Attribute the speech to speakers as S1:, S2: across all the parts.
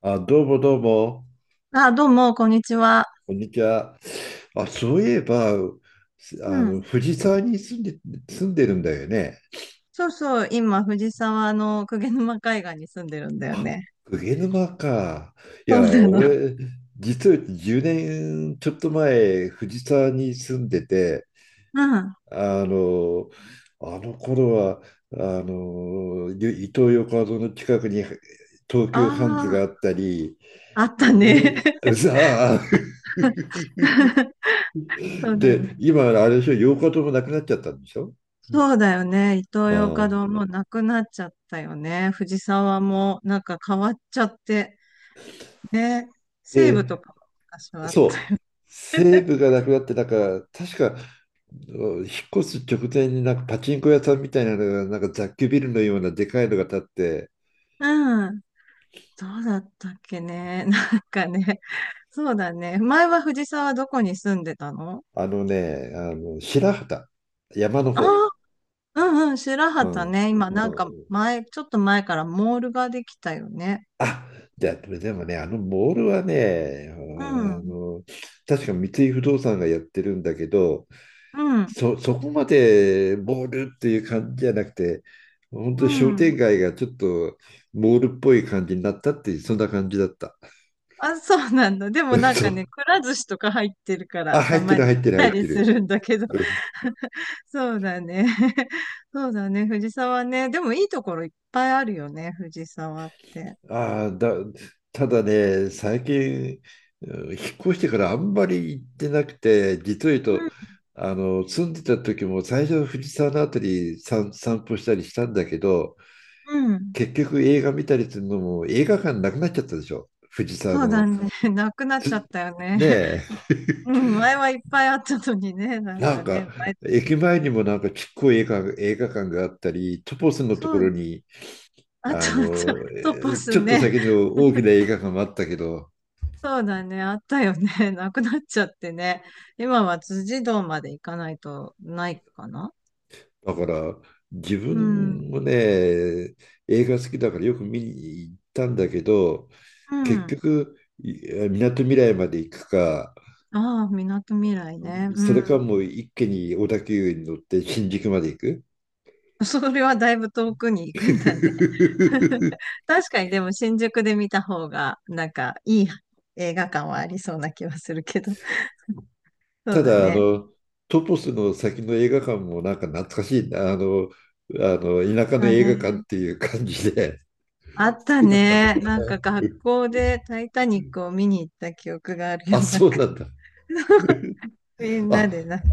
S1: あ、どうもどうも、
S2: あ、どうも、こんにちは。
S1: こんにちは。あ、そういえば、す
S2: う
S1: あの、
S2: ん。
S1: 藤沢に住んでるんだよね。
S2: そうそう、今、藤沢の鵠沼海岸に住んでるんだよ
S1: あ、
S2: ね。
S1: 鵠沼か。い
S2: そう
S1: や、
S2: なの。
S1: 俺、実は10年ちょっと前、藤沢に住んでて、
S2: うん。あ
S1: あの、あの頃は、伊東横浜の近くに東急ハンズが
S2: あ、
S1: あったり、
S2: あった
S1: いろ
S2: ね。
S1: いろ、さあ。
S2: そうだ
S1: で、
S2: ね。
S1: 今、あれでしょ、8日ともなくなっちゃったんでしょ？
S2: そうだよね。イトー
S1: あ
S2: ヨーカ
S1: あ。
S2: ドーもうなくなっちゃったよね。藤沢もなんか変わっちゃって。ね。西武と
S1: で、
S2: かも昔はあっ
S1: そう、西武がなくなって、なんか、確か、引っ越す直前になんかパチンコ屋さんみたいなのが、なんか雑居ビルのようなでかいのが建って。
S2: た。うん。どうだったっけね。なんかね。そうだね。前は藤沢どこに住んでたの？
S1: あのね、あの白畑、山の
S2: あ
S1: 方。
S2: あー、うんうん、白
S1: う
S2: 旗
S1: ん。
S2: ね。今
S1: う
S2: なんか
S1: ん。
S2: 前、ちょっと前からモールができたよね。
S1: あ、でもね、あのモールはね、あ
S2: うん、
S1: の、確か三井不動産がやってるんだけど、
S2: うん、
S1: そこまでモールっていう感じじゃなくて、本当
S2: う
S1: に商
S2: ん。
S1: 店街がちょっとモールっぽい感じになったっていう、そんな感じだった。
S2: あ、そうなんだ。でも なん
S1: そ
S2: かね、
S1: う。
S2: くら寿司とか入ってるから、
S1: あ、
S2: た
S1: 入って
S2: ま
S1: る
S2: に
S1: 入っ
S2: 行っ
S1: てる入っ
S2: たり
S1: て
S2: す
S1: る。
S2: るんだけど。
S1: うん。
S2: そうだね。そうだね、藤沢ね。でもいいところいっぱいあるよね、藤沢って。
S1: ああ、ただね、最近、うん、引っ越してからあんまり行ってなくて、実を言うと、
S2: う
S1: 住んでた時も最初藤沢のあたり散歩したりしたんだけど、
S2: ん、うん。
S1: 結局映画見たりするのも映画館なくなっちゃったでしょ。藤沢
S2: そうだ
S1: の。
S2: ね。なくなっちゃったよね。
S1: ね え。
S2: うん、前はいっぱいあったのにね、なん
S1: なん
S2: か
S1: か、
S2: ね。前
S1: 駅前にもなんかちっこい映画館があったり、トポスのとこ
S2: そ
S1: ろ
S2: う、
S1: に、
S2: あと、あと、トポス
S1: ちょっと
S2: ね。
S1: 先の大きな映画館もあったけど、
S2: そうだね、あったよね。なくなっちゃってね。今は辻堂まで行かないとないかな。
S1: だから、自
S2: うん。
S1: 分もね、映画好きだからよく見に行ったんだけど、
S2: う
S1: 結
S2: ん。
S1: 局、みなとみらいまで行くか、
S2: ああ、みなとみらいね。う
S1: それか
S2: ん。
S1: もう一気に小田急に乗って新宿まで行く。
S2: それはだいぶ遠くに行くんだね。確かにでも新宿で見た方が、なんかいい映画館はありそうな気はするけど。そ
S1: た
S2: うだ
S1: だ、
S2: ね。
S1: トトスの先の映画館もなんか懐かしいな、田舎の
S2: だ
S1: 映画館っ
S2: ね。
S1: ていう感じで
S2: あっ
S1: 好
S2: た
S1: きだったんだ
S2: ね。
S1: けど
S2: なんか
S1: ね。
S2: 学
S1: うん。
S2: 校でタイタニックを見に行った記憶があるよ。
S1: あ、
S2: なん
S1: そう
S2: か
S1: なんだ。
S2: みんなで
S1: あ、
S2: なんか、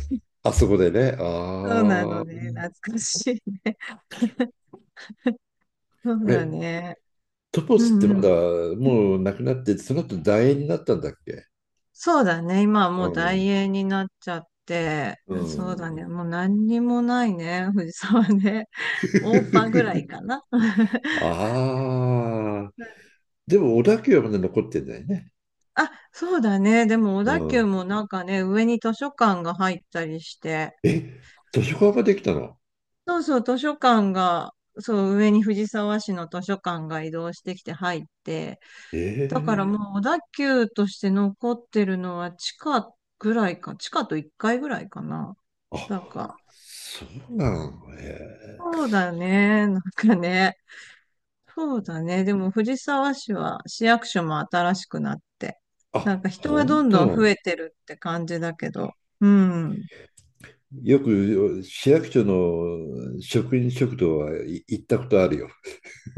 S1: あそこでね。
S2: そうな
S1: あ
S2: のね。
S1: あ。
S2: 懐かしいね。そう
S1: あれ、
S2: だね。
S1: トト
S2: う
S1: スって
S2: んうん。
S1: もうなくなって、その後楕円になったんだっけ？
S2: そうだね。今は
S1: う
S2: もう大
S1: ん。
S2: 英になっちゃって、
S1: う
S2: そう
S1: ん。
S2: だね。もう何にもないね。藤沢ね。オーパぐらい かな。
S1: ああ。でも、小田急はまだ残ってんだよね。
S2: あ、そうだね。でも小
S1: う
S2: 田急
S1: ん。
S2: もなんかね、上に図書館が入ったりして、
S1: え、図書館ができたの？
S2: そうそう、図書館が、そう、上に藤沢市の図書館が移動してきて入って、だから
S1: ええ、
S2: もう小田急として残ってるのは地下ぐらいか、地下と1階ぐらいかな。
S1: あ、
S2: だから、
S1: そうなのねえ。
S2: そうだね、なんかね、そうだね、でも藤沢市は市役所も新しくなって、なん
S1: あ、
S2: か人は
S1: 本
S2: どんどん増え
S1: 当。
S2: てるって感じだけど、うん。
S1: よく市役所の職員食堂、はい、行ったことあるよ。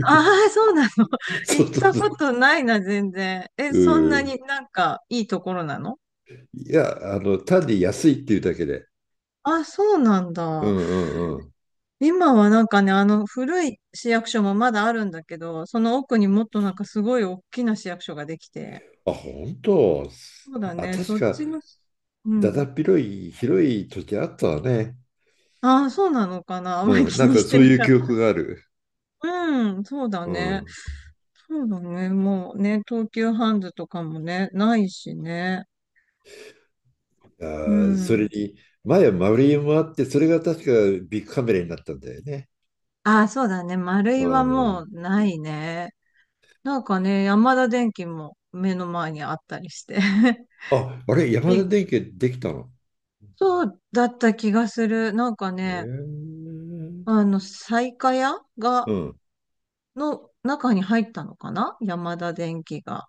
S2: ああ、そうなの。
S1: そ
S2: 行っ
S1: うそう
S2: た
S1: そ
S2: こ
S1: う。
S2: とないな、全然。え、
S1: う
S2: そんな
S1: ん。
S2: になんかいいところなの？
S1: いや、単に安いっていうだけで。
S2: あ、そうなん
S1: う
S2: だ。
S1: んうんうん。
S2: 今はなんかね、古い市役所もまだあるんだけど、その奥にもっとなんかすごい大きな市役所ができて。
S1: あ、本当。
S2: そうだ
S1: あ、
S2: ね、
S1: 確
S2: そっ
S1: か、
S2: ちの、う
S1: だだ
S2: ん。
S1: っ広い、広い時あったわね。
S2: ああ、そうなのかな。あまり
S1: うん。
S2: 気
S1: なん
S2: に
S1: か
S2: して
S1: そう
S2: な
S1: いう
S2: かっ
S1: 記憶がある。
S2: た。うん、そうだ
S1: う
S2: ね。
S1: ん。
S2: そうだね。もうね、東急ハンズとかもね、ないしね。
S1: あ
S2: う
S1: ー、それ
S2: ん。
S1: に、前は丸いもあって、それが確かビッグカメラになったんだよね。
S2: ああ、そうだね。丸
S1: う
S2: いはも
S1: ん。
S2: うないね。なんかね、山田電機も目の前にあったりして。
S1: あ、あれ、山田
S2: び
S1: 電機できたの？
S2: そうだった気がする。なんか
S1: へ
S2: ね、
S1: え。
S2: 西華屋
S1: う
S2: が、
S1: ん。
S2: の中に入ったのかな山田電機が。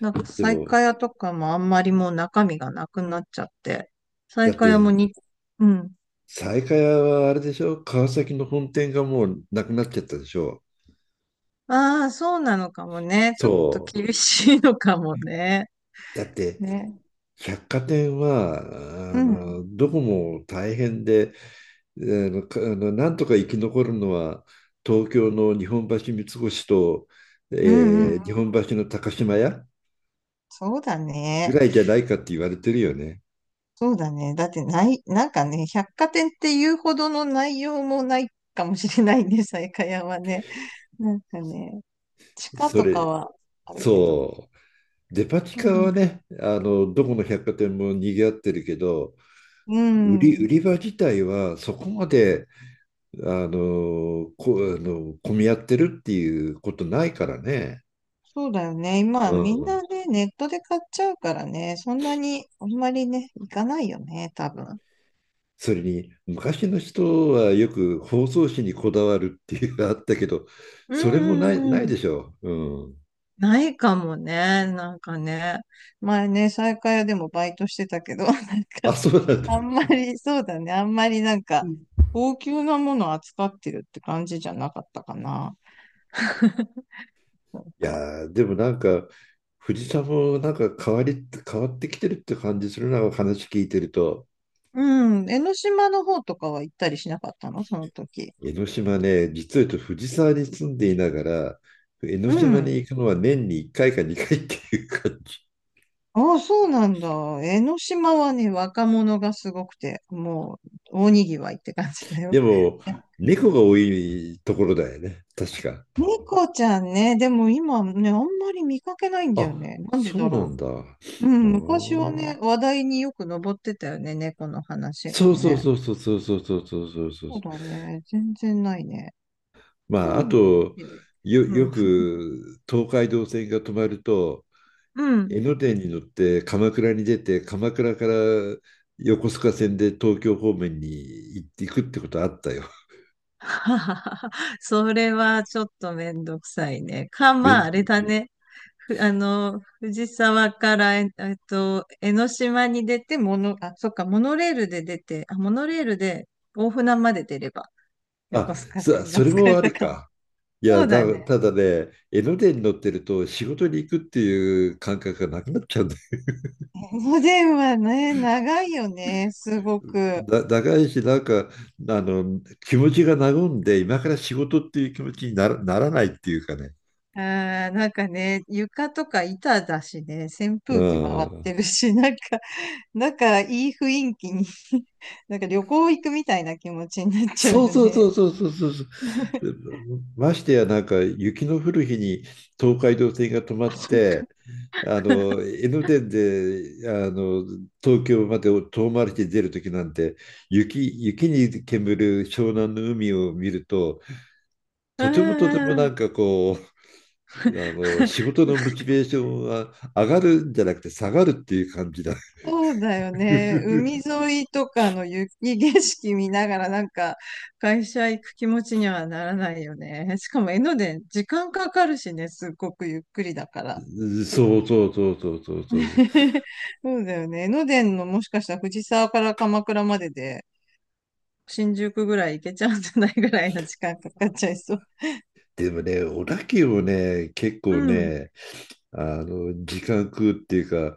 S2: なんか
S1: で
S2: 西
S1: も、
S2: 華屋とかもあんまりもう中身がなくなっちゃって。西
S1: だっ
S2: 華屋も
S1: て、
S2: に、うん。
S1: 西海屋はあれでしょ、川崎の本店がもうなくなっちゃったでしょ？
S2: ああ、そうなのかもね。ちょっと
S1: そ
S2: 厳しいのかも
S1: う。
S2: ね。
S1: だって、
S2: ね。
S1: 百貨店は、
S2: うん。
S1: どこも大変で、あの、かあの、なんとか生き残るのは、東京の日本橋三越と、
S2: うんうん。
S1: 日本橋の高島屋
S2: そうだ
S1: ぐ
S2: ね。
S1: らいじゃないかって言われてるよね。
S2: そうだね。だってない、なんかね、百貨店っていうほどの内容もないかもしれないね、西下屋はね。なんかね、地下
S1: そ
S2: とか
S1: れ、
S2: はあるけど。
S1: そう。デパ地
S2: う
S1: 下
S2: ん。
S1: はね、どこの百貨店も賑わってるけど、
S2: う
S1: 売
S2: ん。
S1: り場自体はそこまで、あの、こ、あの、混み合ってるっていうことないからね。
S2: そうだよね。今、
S1: う
S2: みん
S1: ん。
S2: なね、ネットで買っちゃうからね、そんなに、あんまりね、行かないよね、多分。
S1: それに、昔の人はよく包装紙にこだわるっていうのがあったけど、
S2: うん
S1: それも
S2: う
S1: な
S2: ん
S1: い
S2: う
S1: で
S2: ん。
S1: しょう。うん。
S2: ないかもね。なんかね。前ね、西下屋でもバイトしてたけど、なん
S1: あ、
S2: か、
S1: そうなんだ。
S2: あんまり、そうだね。あんまりなんか、
S1: い
S2: 高級なものを扱ってるって感じじゃなかったかな。なんか、
S1: やーでもなんか、藤さんもなんか変わってきてるって感じするな、話聞いてると。
S2: うん。江ノ島の方とかは行ったりしなかったのその時。
S1: 江ノ島ね、実は言うと藤沢に住んでいながら、江ノ
S2: う
S1: 島に
S2: ん。
S1: 行くのは年に1回か2回っていう感じ。
S2: ああ、そうなんだ。江ノ島はね、若者がすごくて、もう、大にぎわいって感じだ
S1: で
S2: よ。
S1: も、猫が多いところだよね、確か。
S2: 猫ちゃんね、でも今ね、あんまり見かけないんだよ
S1: あ、
S2: ね。なんで
S1: そう
S2: だ
S1: な
S2: ろ
S1: んだ。
S2: う。う
S1: あ
S2: ん、昔は
S1: ー、
S2: ね、話題によく上ってたよね、猫の話が
S1: そうそう
S2: ね。
S1: そうそうそうそうそうそうそうそう。
S2: そうだね、全然ないね。ト
S1: まあ、あ
S2: ンビっ
S1: と、
S2: ていう、うん。
S1: よく東海道線が止まると、
S2: う
S1: 江
S2: ん。
S1: ノ電に乗って鎌倉に出て、鎌倉から横須賀線で東京方面に行っていくってことあったよ。
S2: それはちょっとめんどくさいね。まあ、あれ
S1: 便
S2: だね。ふ、あの、藤沢から、江ノ島に出て、あ、そっか、モノレールで出て、あ、モノレールで大船まで出れば、横
S1: あ、
S2: 須賀線が
S1: それ
S2: 使
S1: も
S2: え
S1: あ
S2: た
S1: り
S2: かも。
S1: か。い
S2: そ
S1: や、
S2: うだね。
S1: ただね、江ノ電に乗ってると仕事に行くっていう感覚がなくなっちゃうんだよ。
S2: おでんはね、長いよね、すご く。
S1: 長いし、なんか、あの、気持ちが和んで、今から仕事っていう気持ちにならないっていうかね。
S2: あー、なんかね、床とか板だしね、扇
S1: う
S2: 風機回っ
S1: ん。
S2: てるし、なんかだからいい雰囲気に なんか旅行行くみたいな気持ちになっちゃう
S1: そう
S2: よ
S1: そうそ
S2: ね。
S1: うそうそうそうそう。ましてやなんか雪の降る日に東海道線が止ま
S2: あ、
S1: っ
S2: そっか。
S1: て、あの江ノ電で東京まで遠回りして出る時なんて、雪に煙る湘南の海を見ると、
S2: う
S1: と
S2: ん
S1: てもとて
S2: う
S1: も
S2: んう
S1: な
S2: ん。
S1: んかこう仕 事のモチベーションは上がるんじゃなくて下がるっていう感じだ。
S2: そうだよね。海沿いとかの雪景色見ながらなんか会社行く気持ちにはならないよね。しかも江ノ電、時間かかるしね、すっごくゆっくりだから。
S1: そうそうそうそうそうそう。
S2: そうだよね。江ノ電のもしかしたら藤沢から鎌倉までで新宿ぐらい行けちゃうんじゃないぐらいの時間かかっちゃいそう。
S1: でもね、小田急もね、結
S2: う
S1: 構
S2: ん。
S1: ね、時間食うっていうか、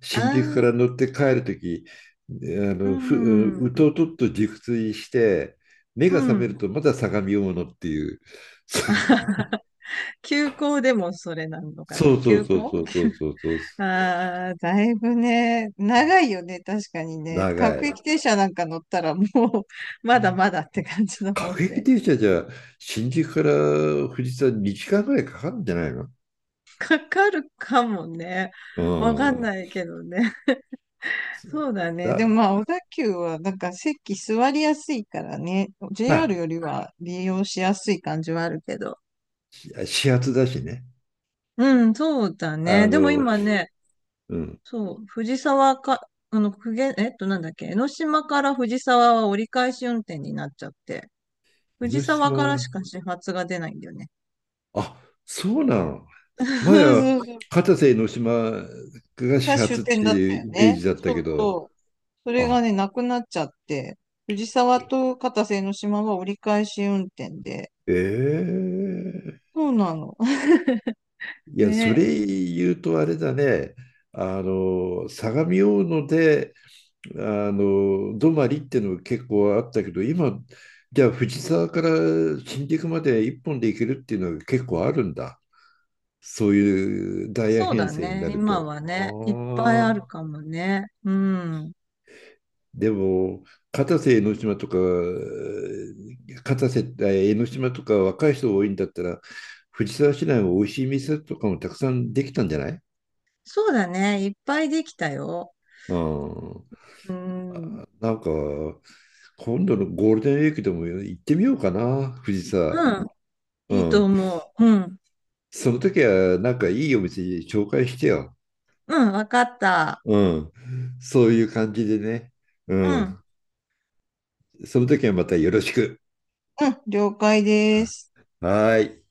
S1: 新宿から
S2: ああ
S1: 乗って帰るとき、あ
S2: う
S1: の、ふ、
S2: ん、
S1: うとうとっと熟睡して、目
S2: う
S1: が覚める
S2: ん。
S1: とまだ相模大野っていう。
S2: 休校でもそれなのかな
S1: そうそう
S2: 休
S1: そう
S2: 校。
S1: そうそうそうそう、
S2: ああー、だいぶね、長いよね、確かにね。
S1: 長
S2: 各
S1: い。
S2: 駅停車なんか乗ったらもう、まだまだって感じだもん
S1: 各駅
S2: ね。
S1: 停車じゃ、新宿から富士山2時間ぐらいかかるんじゃないの？
S2: かかるかもね。
S1: う
S2: わかん
S1: ん。
S2: ないけどね。そうだね。でも
S1: だ、
S2: まあ、小田急はなんか席座りやすいからね。
S1: ま
S2: JR よりは利用しやすい感じはあるけど。
S1: あ、始発だしね。
S2: うん、そうだ
S1: あ
S2: ね。でも
S1: の、
S2: 今ね、
S1: うん。
S2: そう、藤沢か、あの、くげ、えっと、なんだっけ、江ノ島から藤沢は折り返し運転になっちゃって、
S1: 江
S2: 藤
S1: ノ
S2: 沢から
S1: 島、
S2: しか始発が出ないんだよね。
S1: あ、そうなの。
S2: そ
S1: 前
S2: う
S1: は
S2: そうそう。
S1: 片瀬の島が
S2: が
S1: 始
S2: 終
S1: 発っ
S2: 点
S1: て
S2: だった
S1: いう
S2: よ
S1: イメー
S2: ね。
S1: ジだっ
S2: そ
S1: たけ
S2: う
S1: ど、
S2: そう。それがね、
S1: あ、
S2: なくなっちゃって、藤沢と片瀬江ノ島は折り返し運転で。
S1: ええ、
S2: そうなの。
S1: いや、それ
S2: ね、
S1: 言うとあれだね、相模大野で、泊まりっていうのが結構あったけど、今、じゃあ藤沢から新宿まで一本で行けるっていうのが結構あるんだ。そういうダイヤ
S2: そう
S1: 編
S2: だ
S1: 成にな
S2: ね、
S1: る
S2: 今
S1: と。
S2: はね、いっぱい
S1: あ
S2: ある
S1: あ。
S2: かもね。うん。
S1: でも、片瀬江ノ島とか、片瀬、え江ノ島とか若い人多いんだったら、藤沢市内も美味しい店とかもたくさんできたんじゃない？
S2: そうだね、いっぱいできたよ。
S1: うん。
S2: うん。
S1: なんか、今度のゴールデンウィークでも行ってみようかな、藤
S2: う
S1: 沢。
S2: ん。
S1: う
S2: いいと
S1: ん。
S2: 思う。うん。
S1: その時は、なんかいいお店紹介してよ。
S2: うん、わかった。
S1: うん。そういう感じでね。う
S2: うん。
S1: ん。その時はまたよろしく。
S2: うん、了解です。
S1: はーい。